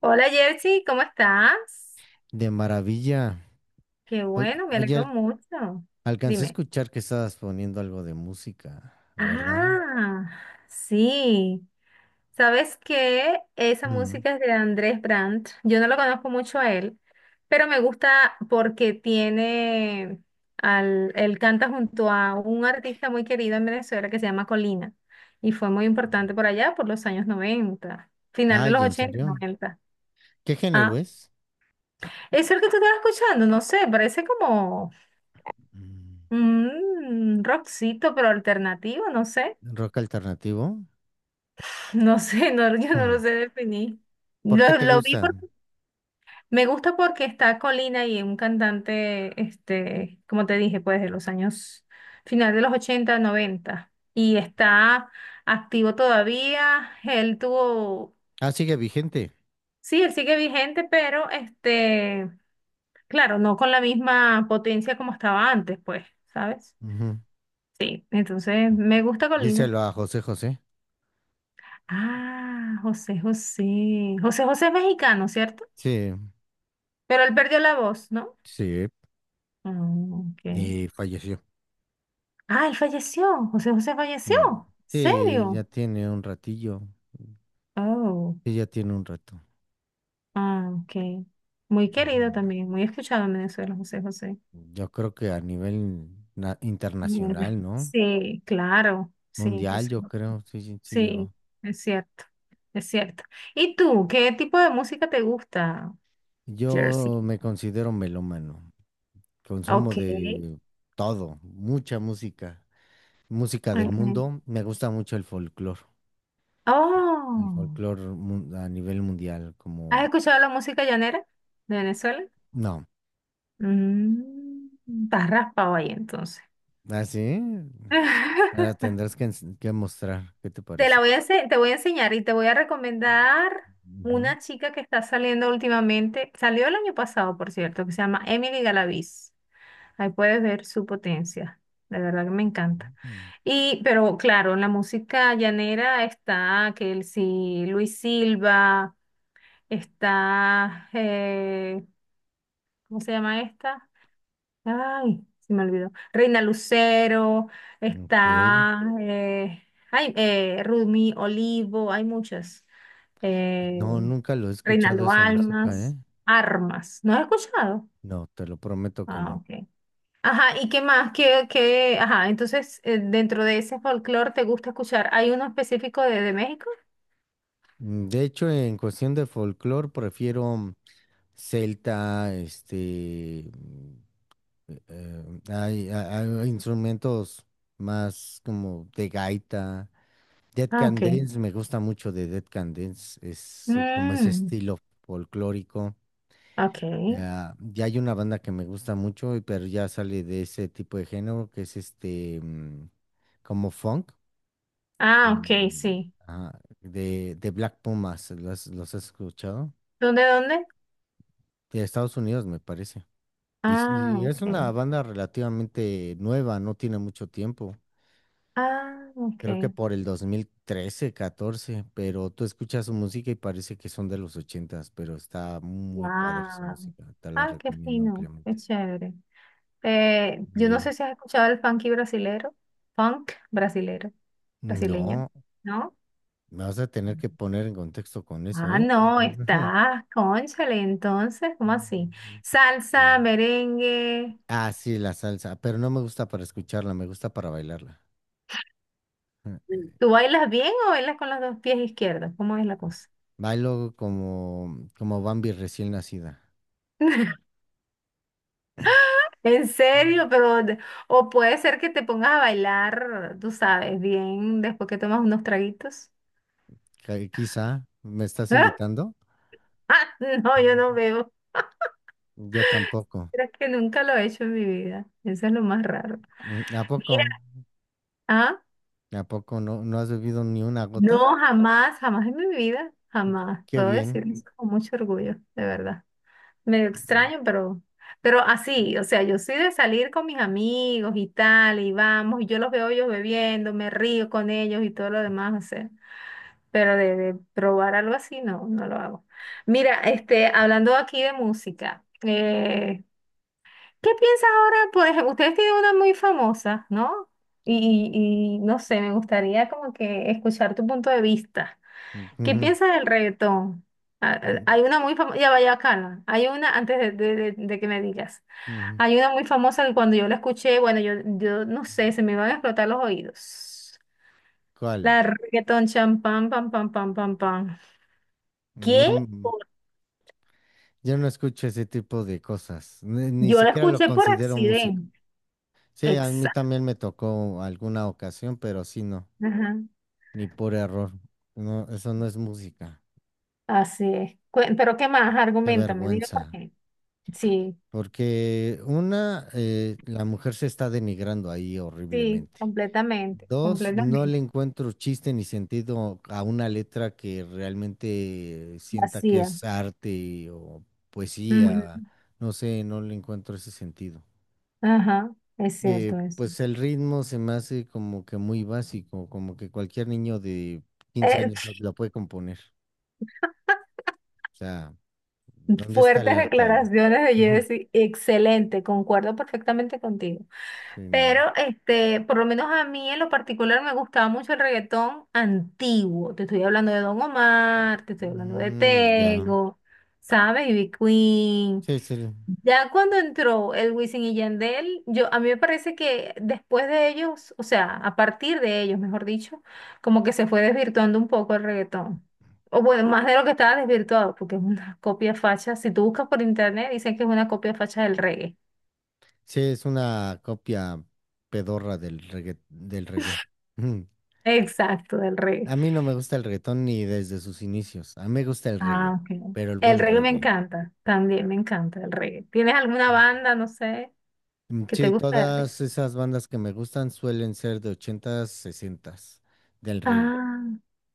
Hola Jersey, ¿cómo estás? De maravilla. Qué bueno, me Oye, alegro mucho. alcancé a Dime. escuchar que estabas poniendo algo de música, ¿verdad? Ah, sí. ¿Sabes qué? Esa Mm. música es de Andrés Brandt. Yo no lo conozco mucho a él, pero me gusta porque tiene él canta junto a un artista muy querido en Venezuela que se llama Colina y fue muy importante por allá por los años 90, final de Ay, los ¿en 80, serio? 90. ¿Qué Ah, género es? eso es el que tú estás escuchando, no sé, parece como Mm. Rockcito, pero alternativo, no sé. ¿Rock alternativo? No sé, no, yo no Mm. lo sé definir. ¿Por qué Lo, te lo vi gusta? porque me gusta porque está Colina y es un cantante, este, como te dije, pues de los años final de los 80, noventa. Y está activo todavía. Él tuvo, Ah, sigue vigente. sí, él sigue vigente, pero este, claro, no con la misma potencia como estaba antes, pues, ¿sabes? Ujú. Sí, entonces me gusta Colina. Díselo a José José. Ah, José José. José José es mexicano, ¿cierto? Sí, Pero él perdió la voz, ¿no? sí. Ah, ok. Y falleció. Ah, él falleció. José José falleció. Mm. Sí, ya ¿Serio? tiene un ratillo. Oh, Sí, ya tiene un rato. ah, ok. Muy Ujú. querido también, muy escuchado en Venezuela, José José. Yo creo que a nivel Mm, internacional, ¿no? sí, claro. Sí, Mundial, José. yo creo, sí, sí, sí Sí, llegó. es cierto. Es cierto. ¿Y tú, qué tipo de música te gusta, Jersey? Yo me considero melómano, consumo Ok. de todo, mucha música, música del Ok. mundo. Me gusta mucho el folclore, Oh. A nivel mundial, ¿Has como, escuchado la música llanera de Venezuela? no, Mm, Estás raspado ahí entonces. así, ahora tendrás que, que mostrar, ¿qué te Te la parece? voy a, ense- te voy a enseñar y te voy a recomendar Ujú, una chica que está saliendo últimamente. Salió el año pasado, por cierto, que se llama Emily Galaviz. Ahí puedes ver su potencia. De verdad que me encanta. ujú. Y, pero claro, en la música llanera está Kelsey, Luis Silva, está, ¿cómo se llama esta? Ay, se me olvidó. Reina Lucero, Ok, está, ay, Rumi Olivo, hay muchas. Eh, no, nunca lo he escuchado Reinaldo esa música, ¿eh? Almas, Armas. ¿No has escuchado? No, te lo prometo que Ah, no. ok. Ajá, ¿y qué más? ¿Qué, qué? Ajá, entonces, dentro de ese folclore te gusta escuchar. ¿Hay uno específico de México? De hecho, en cuestión de folclore, prefiero... celta, este, hay instrumentos más como de gaita. Dead Ah, Can ok. Dance, me gusta mucho de Dead Can Dance, es como ese Mm, estilo folclórico. ok. Ah, ya hay una banda que me gusta mucho, pero ya sale de ese tipo de género, que es este, como funk, Ah, ok, mm, sí. ajá, de Black Pumas, ¿los has escuchado? ¿Dónde, dónde? De Estados Unidos, me parece. Y Ah, sí, es ok. una banda relativamente nueva, no tiene mucho tiempo. Ah, ok. Creo que por el 2013, 14, pero tú escuchas su música y parece que son de los 80s, pero está muy padre su Wow. música, te la Ah, qué recomiendo fino, qué ampliamente. chévere. Yo no Y sé si has escuchado el funky brasilero, funk brasilero, brasileño, no, ¿no? me vas a tener que poner en contexto con eso, Ah, ¿eh? no, estás, cónchale, entonces, ¿cómo así? Salsa, Sí. merengue. Ah, sí, la salsa, pero no me gusta para escucharla, me gusta para bailarla. ¿Tú bailas bien o bailas con los dos pies izquierdos? ¿Cómo es la cosa? Bailo como Bambi recién nacida. En serio, o puede ser que te pongas a bailar, tú sabes, bien después que tomas unos traguitos. Quizá, ¿me estás invitando? Ah, no, yo no veo. Yo tampoco. Pero es que nunca lo he hecho en mi vida. Eso es lo más raro. ¿A Mira, poco? ah, ¿A poco no, no has bebido ni una gota? no, jamás, jamás en mi vida, jamás. Qué Puedo bien. decir eso con mucho orgullo, de verdad. Medio Mm, extraño, pero así, o sea, yo soy de salir con mis amigos y tal, y vamos, y yo los veo ellos bebiendo, me río con ellos y todo lo demás, o sea. Pero de probar algo así, no, no lo hago. Mira, este, hablando aquí de música, ¿qué piensas ahora? Pues ustedes tienen una muy famosa, ¿no? Y no sé, me gustaría como que escuchar tu punto de vista. ¿Qué ujú, piensas del reggaetón? Mm, Hay una muy famosa, ya vaya calma. Hay una, antes de que me digas, ujú. hay una muy famosa que cuando yo la escuché, bueno, yo no sé, se me iban a explotar los oídos. La ¿Cuál? de reggaetón champán, pam, pam, pam, pam, pam. No, ¿Qué? Yo no escucho ese tipo de cosas. Ni Yo la siquiera lo escuché por considero música. accidente. Sí, a mí Exacto. también me tocó alguna ocasión, pero sí no, ni por error. No, eso no es música. Así es. Pero ¿qué más? Qué Argumentame, dime vergüenza. por qué. Sí, Porque una, la mujer se está denigrando ahí sí, horriblemente. completamente, Dos, no le completamente. encuentro chiste ni sentido a una letra que realmente sienta que Vacía. es arte o Bueno, poesía. ujú. No sé, no le encuentro ese sentido. Ajá, es Eh, cierto eso. pues el ritmo se me hace como que muy básico, como que cualquier niño de quince Eh, años lo puede componer. O sea, ¿dónde está el Fuertes arte ahí? declaraciones de Ujú. Jesse, excelente, concuerdo perfectamente contigo. Sí, Pero no. este, por lo menos a mí en lo particular me gustaba mucho el reggaetón antiguo. Te estoy hablando de Don Omar, te estoy hablando de Mm, ya. Tego, ¿sabes? Ivy Queen. Sí, sí. Ya cuando entró el Wisin y Yandel, yo, a mí me parece que después de ellos, o sea, a partir de ellos, mejor dicho, como que se fue desvirtuando un poco el reggaetón. O bueno, más de lo que estaba desvirtuado, porque es una copia facha. Si tú buscas por internet, dicen que es una copia facha del reggae. Sí, es una copia pedorra del reggae, del reggae. Ujú. Exacto, del reggae. A mí no me gusta el reggaetón ni desde sus inicios. A mí me gusta el reggae, Ah, ok. pero el El buen reggae me reggae. encanta, también me encanta el reggae. ¿Tienes alguna banda, no sé, Mm, que te sí, gusta el reggae? todas esas bandas que me gustan suelen ser de 80s 60s del reggae. Ah,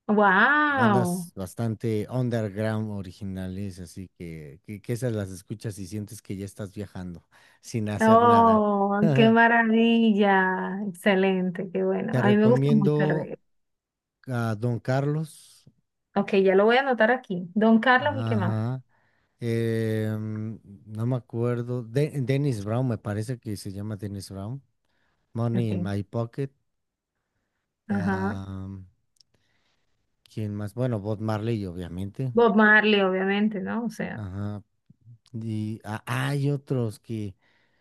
wow. Bandas bastante underground originales, así que esas las escuchas y sientes que ya estás viajando sin hacer nada. Oh, qué maravilla. Excelente, qué bueno. Te A mí me gusta mucho el recomiendo reggae. a Don Carlos. Ok, ya lo voy a anotar aquí. Don Carlos y qué más. Ajá. No me acuerdo. Dennis Brown, me parece que se llama Dennis Brown. Money in Ok, My Pocket. ajá. ah, ¿Quién más? Bueno, Bob Marley, obviamente. Bob Marley, obviamente, ¿no? O sea, Ajá. Y hay otros que.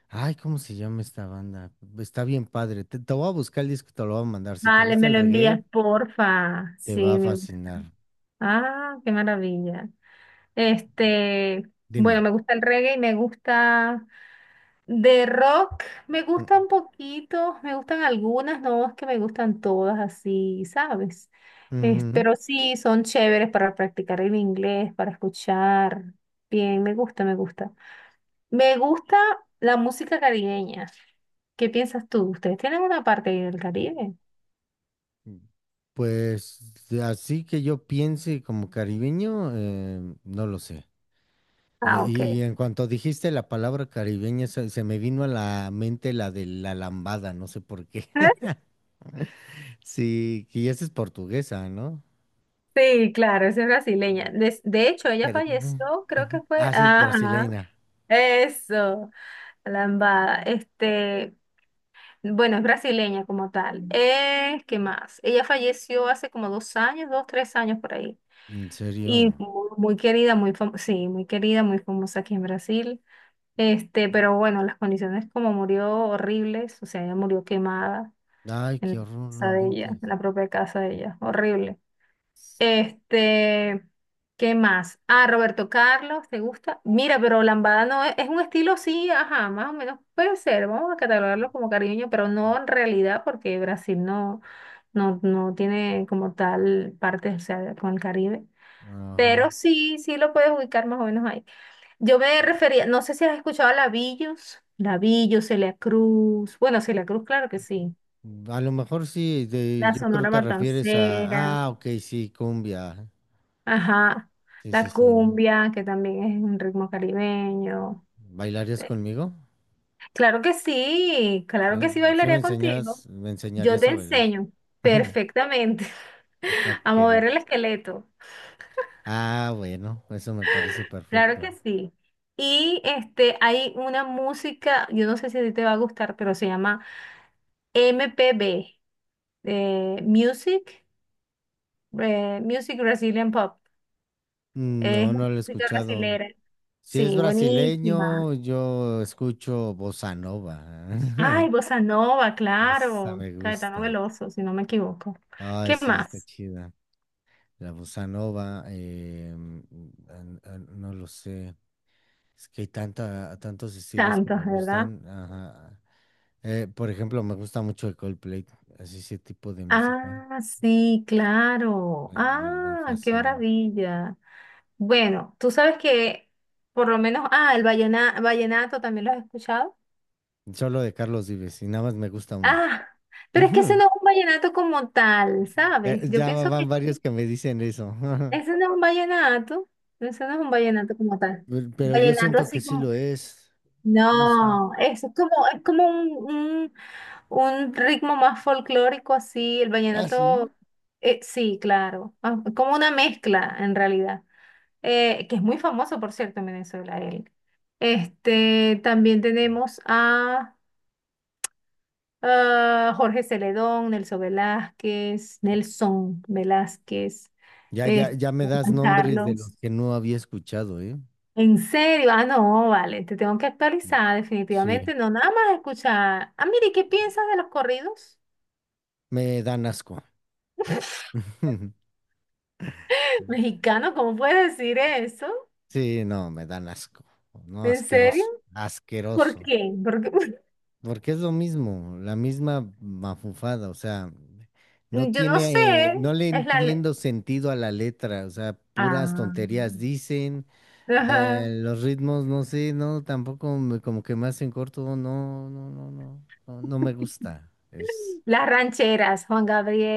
Ay, ¿cómo se llama esta banda? Está bien padre. Te voy a buscar el disco y te lo voy a mandar. Si te vale, gusta me el lo envías, reggae, porfa. te va Sí, a me gusta. fascinar. Ah, qué maravilla. Este, bueno, Dime. me gusta el reggae y me gusta. De rock me Mm, gustan poquito me gustan algunas, no es que me gustan todas así, ¿sabes? Ujú. Pero sí, son chéveres para practicar el inglés, para escuchar. Bien, me gusta, me gusta. Me gusta la música caribeña. ¿Qué piensas tú? ¿Ustedes tienen una parte ahí del Caribe? mm, Pues así que yo piense como caribeño, no lo sé. Ah, ok. Y en cuanto dijiste la palabra caribeña, se me vino a la mente la de la lambada, no sé por qué. Sí, que esa es portuguesa, ¿no? Sí, claro, esa es brasileña. De hecho, ella Pero- falleció, creo que fue. Ah, sí, Ajá. brasileña. Eso, la lambada. Este, bueno, es brasileña como tal. ¿Qué más? Ella falleció hace como 2 años, dos, 3 años por ahí. ¿En Y serio? muy querida, muy famosa, sí, muy querida, muy famosa aquí en Brasil. Este, pero bueno, las condiciones como murió horribles, o sea, ella murió quemada Ay, en la qué horror, no casa de ella, inventes. en la propia casa de ella, horrible. Este, ¿qué más? Ah, Roberto Carlos, ¿te gusta? Mira, pero lambada no es, es un estilo, sí, ajá, más o menos puede ser, vamos a catalogarlo como caribeño, pero no en realidad porque Brasil no, no, no tiene como tal parte, o sea, con el Caribe. Ajá. Pero sí, sí lo puedes ubicar más o menos ahí. Yo me refería, no sé si has escuchado a Labillos, Labillos, Celia Cruz, bueno, Celia Cruz, claro que sí. A lo mejor sí, La yo creo Sonora te refieres Matancera. a... Ah, ok, sí, cumbia. Ajá, Sí, sí, la sí. cumbia, que también es un ritmo caribeño. ¿Bailarías Eh, conmigo? Claro que Sí, sí sí me bailaría contigo. enseñas, me Yo enseñarías te a bailar. enseño perfectamente Ok. a mover el esqueleto. Ah, bueno, eso me parece Claro perfecto. que sí. Y este, hay una música, yo no sé si a ti te va a gustar, pero se llama MPB, eh, Music, Music Brazilian Pop. Es No, no lo he música escuchado. brasilera. Si es Sí, buenísima. brasileño, yo escucho bossa nova. Ay, Bossa Nova, Esa claro. me Caetano gusta. Veloso, si no me equivoco. Ay, ¿Qué sí, está más? chida. La bossa nova, no lo sé. Es que hay tantos estilos que me Tantos, ¿verdad? gustan. Ajá. Por ejemplo, me gusta mucho el Coldplay, así ese tipo de música. Ah, sí, claro. Me Ah, qué fascina. maravilla. Bueno, tú sabes que por lo menos, el vallenato también lo has escuchado. Solo de Carlos Vives y nada más me gusta una. Ah, pero es que ese Ujú. no es un vallenato como tal, Ya, ¿sabes? Yo ya pienso van que varios que me dicen eso. ese no es un vallenato, ese no es un vallenato como tal. Pero yo Vallenato siento que así sí lo como es. No sé. no, eso es como un- un ritmo más folclórico así, el Ah, sí. vallenato, sí, claro, como una mezcla en realidad, que es muy famoso, por cierto, en Venezuela él. Este, también tenemos a, Jorge Celedón, Nelson Velázquez, Nelson Velázquez, Ya, ya, este, ya me das Juan nombres de Carlos. los que no había escuchado, ¿eh? En serio, ah, no, vale, te tengo que actualizar Sí, definitivamente, no nada más escuchar. Ah, mire, ¿qué piensas de los corridos me dan asco. mexicanos? ¿Cómo puedes decir eso? Sí, no, me dan asco. No, ¿En serio? asqueroso. ¿Por Asqueroso. qué? Porque Porque es lo mismo, la misma mafufada, o sea, no yo no sé, tiene, no le es la entiendo sentido a la letra, o sea, puras Ah, tonterías dicen, ajá. los ritmos, no sé, no, tampoco como que me hacen corto, no, no, no, no, no, no me gusta. Es, Las rancheras, Juan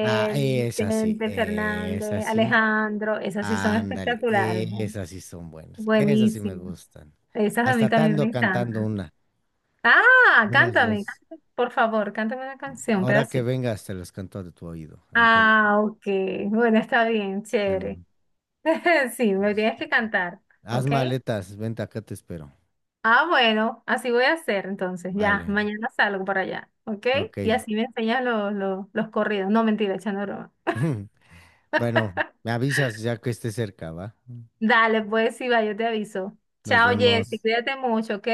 ah, es así, Vicente es Fernández, así, Alejandro, esas sí son ándale, espectaculares, ¿no? esas sí son buenas, esas sí me Buenísimas. gustan. Esas a mí Hasta también me tando cantando encantan. una, Ah, unas cántame, dos. cántame, por favor, cántame una canción, un Ahora que pedacito. vengas, te las canto de tu oído, en tu oído. Ah, ok. Bueno, está bien, Ya chévere. no, Sí, me pues, tienes que cantar, haz ¿ok? maletas, vente acá, te espero. Ah, bueno, así voy a hacer entonces. Ya, Vale, mañana salgo para allá, ¿ok? ok. Y así me enseñas los corridos. No, mentira, echando broma. Bueno, me avisas ya que esté cerca, ¿va? Dale, pues sí, va, yo te aviso. Nos Chao, Jessy, vemos cuídate mucho, ¿ok?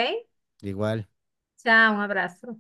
igual. Chao, un abrazo.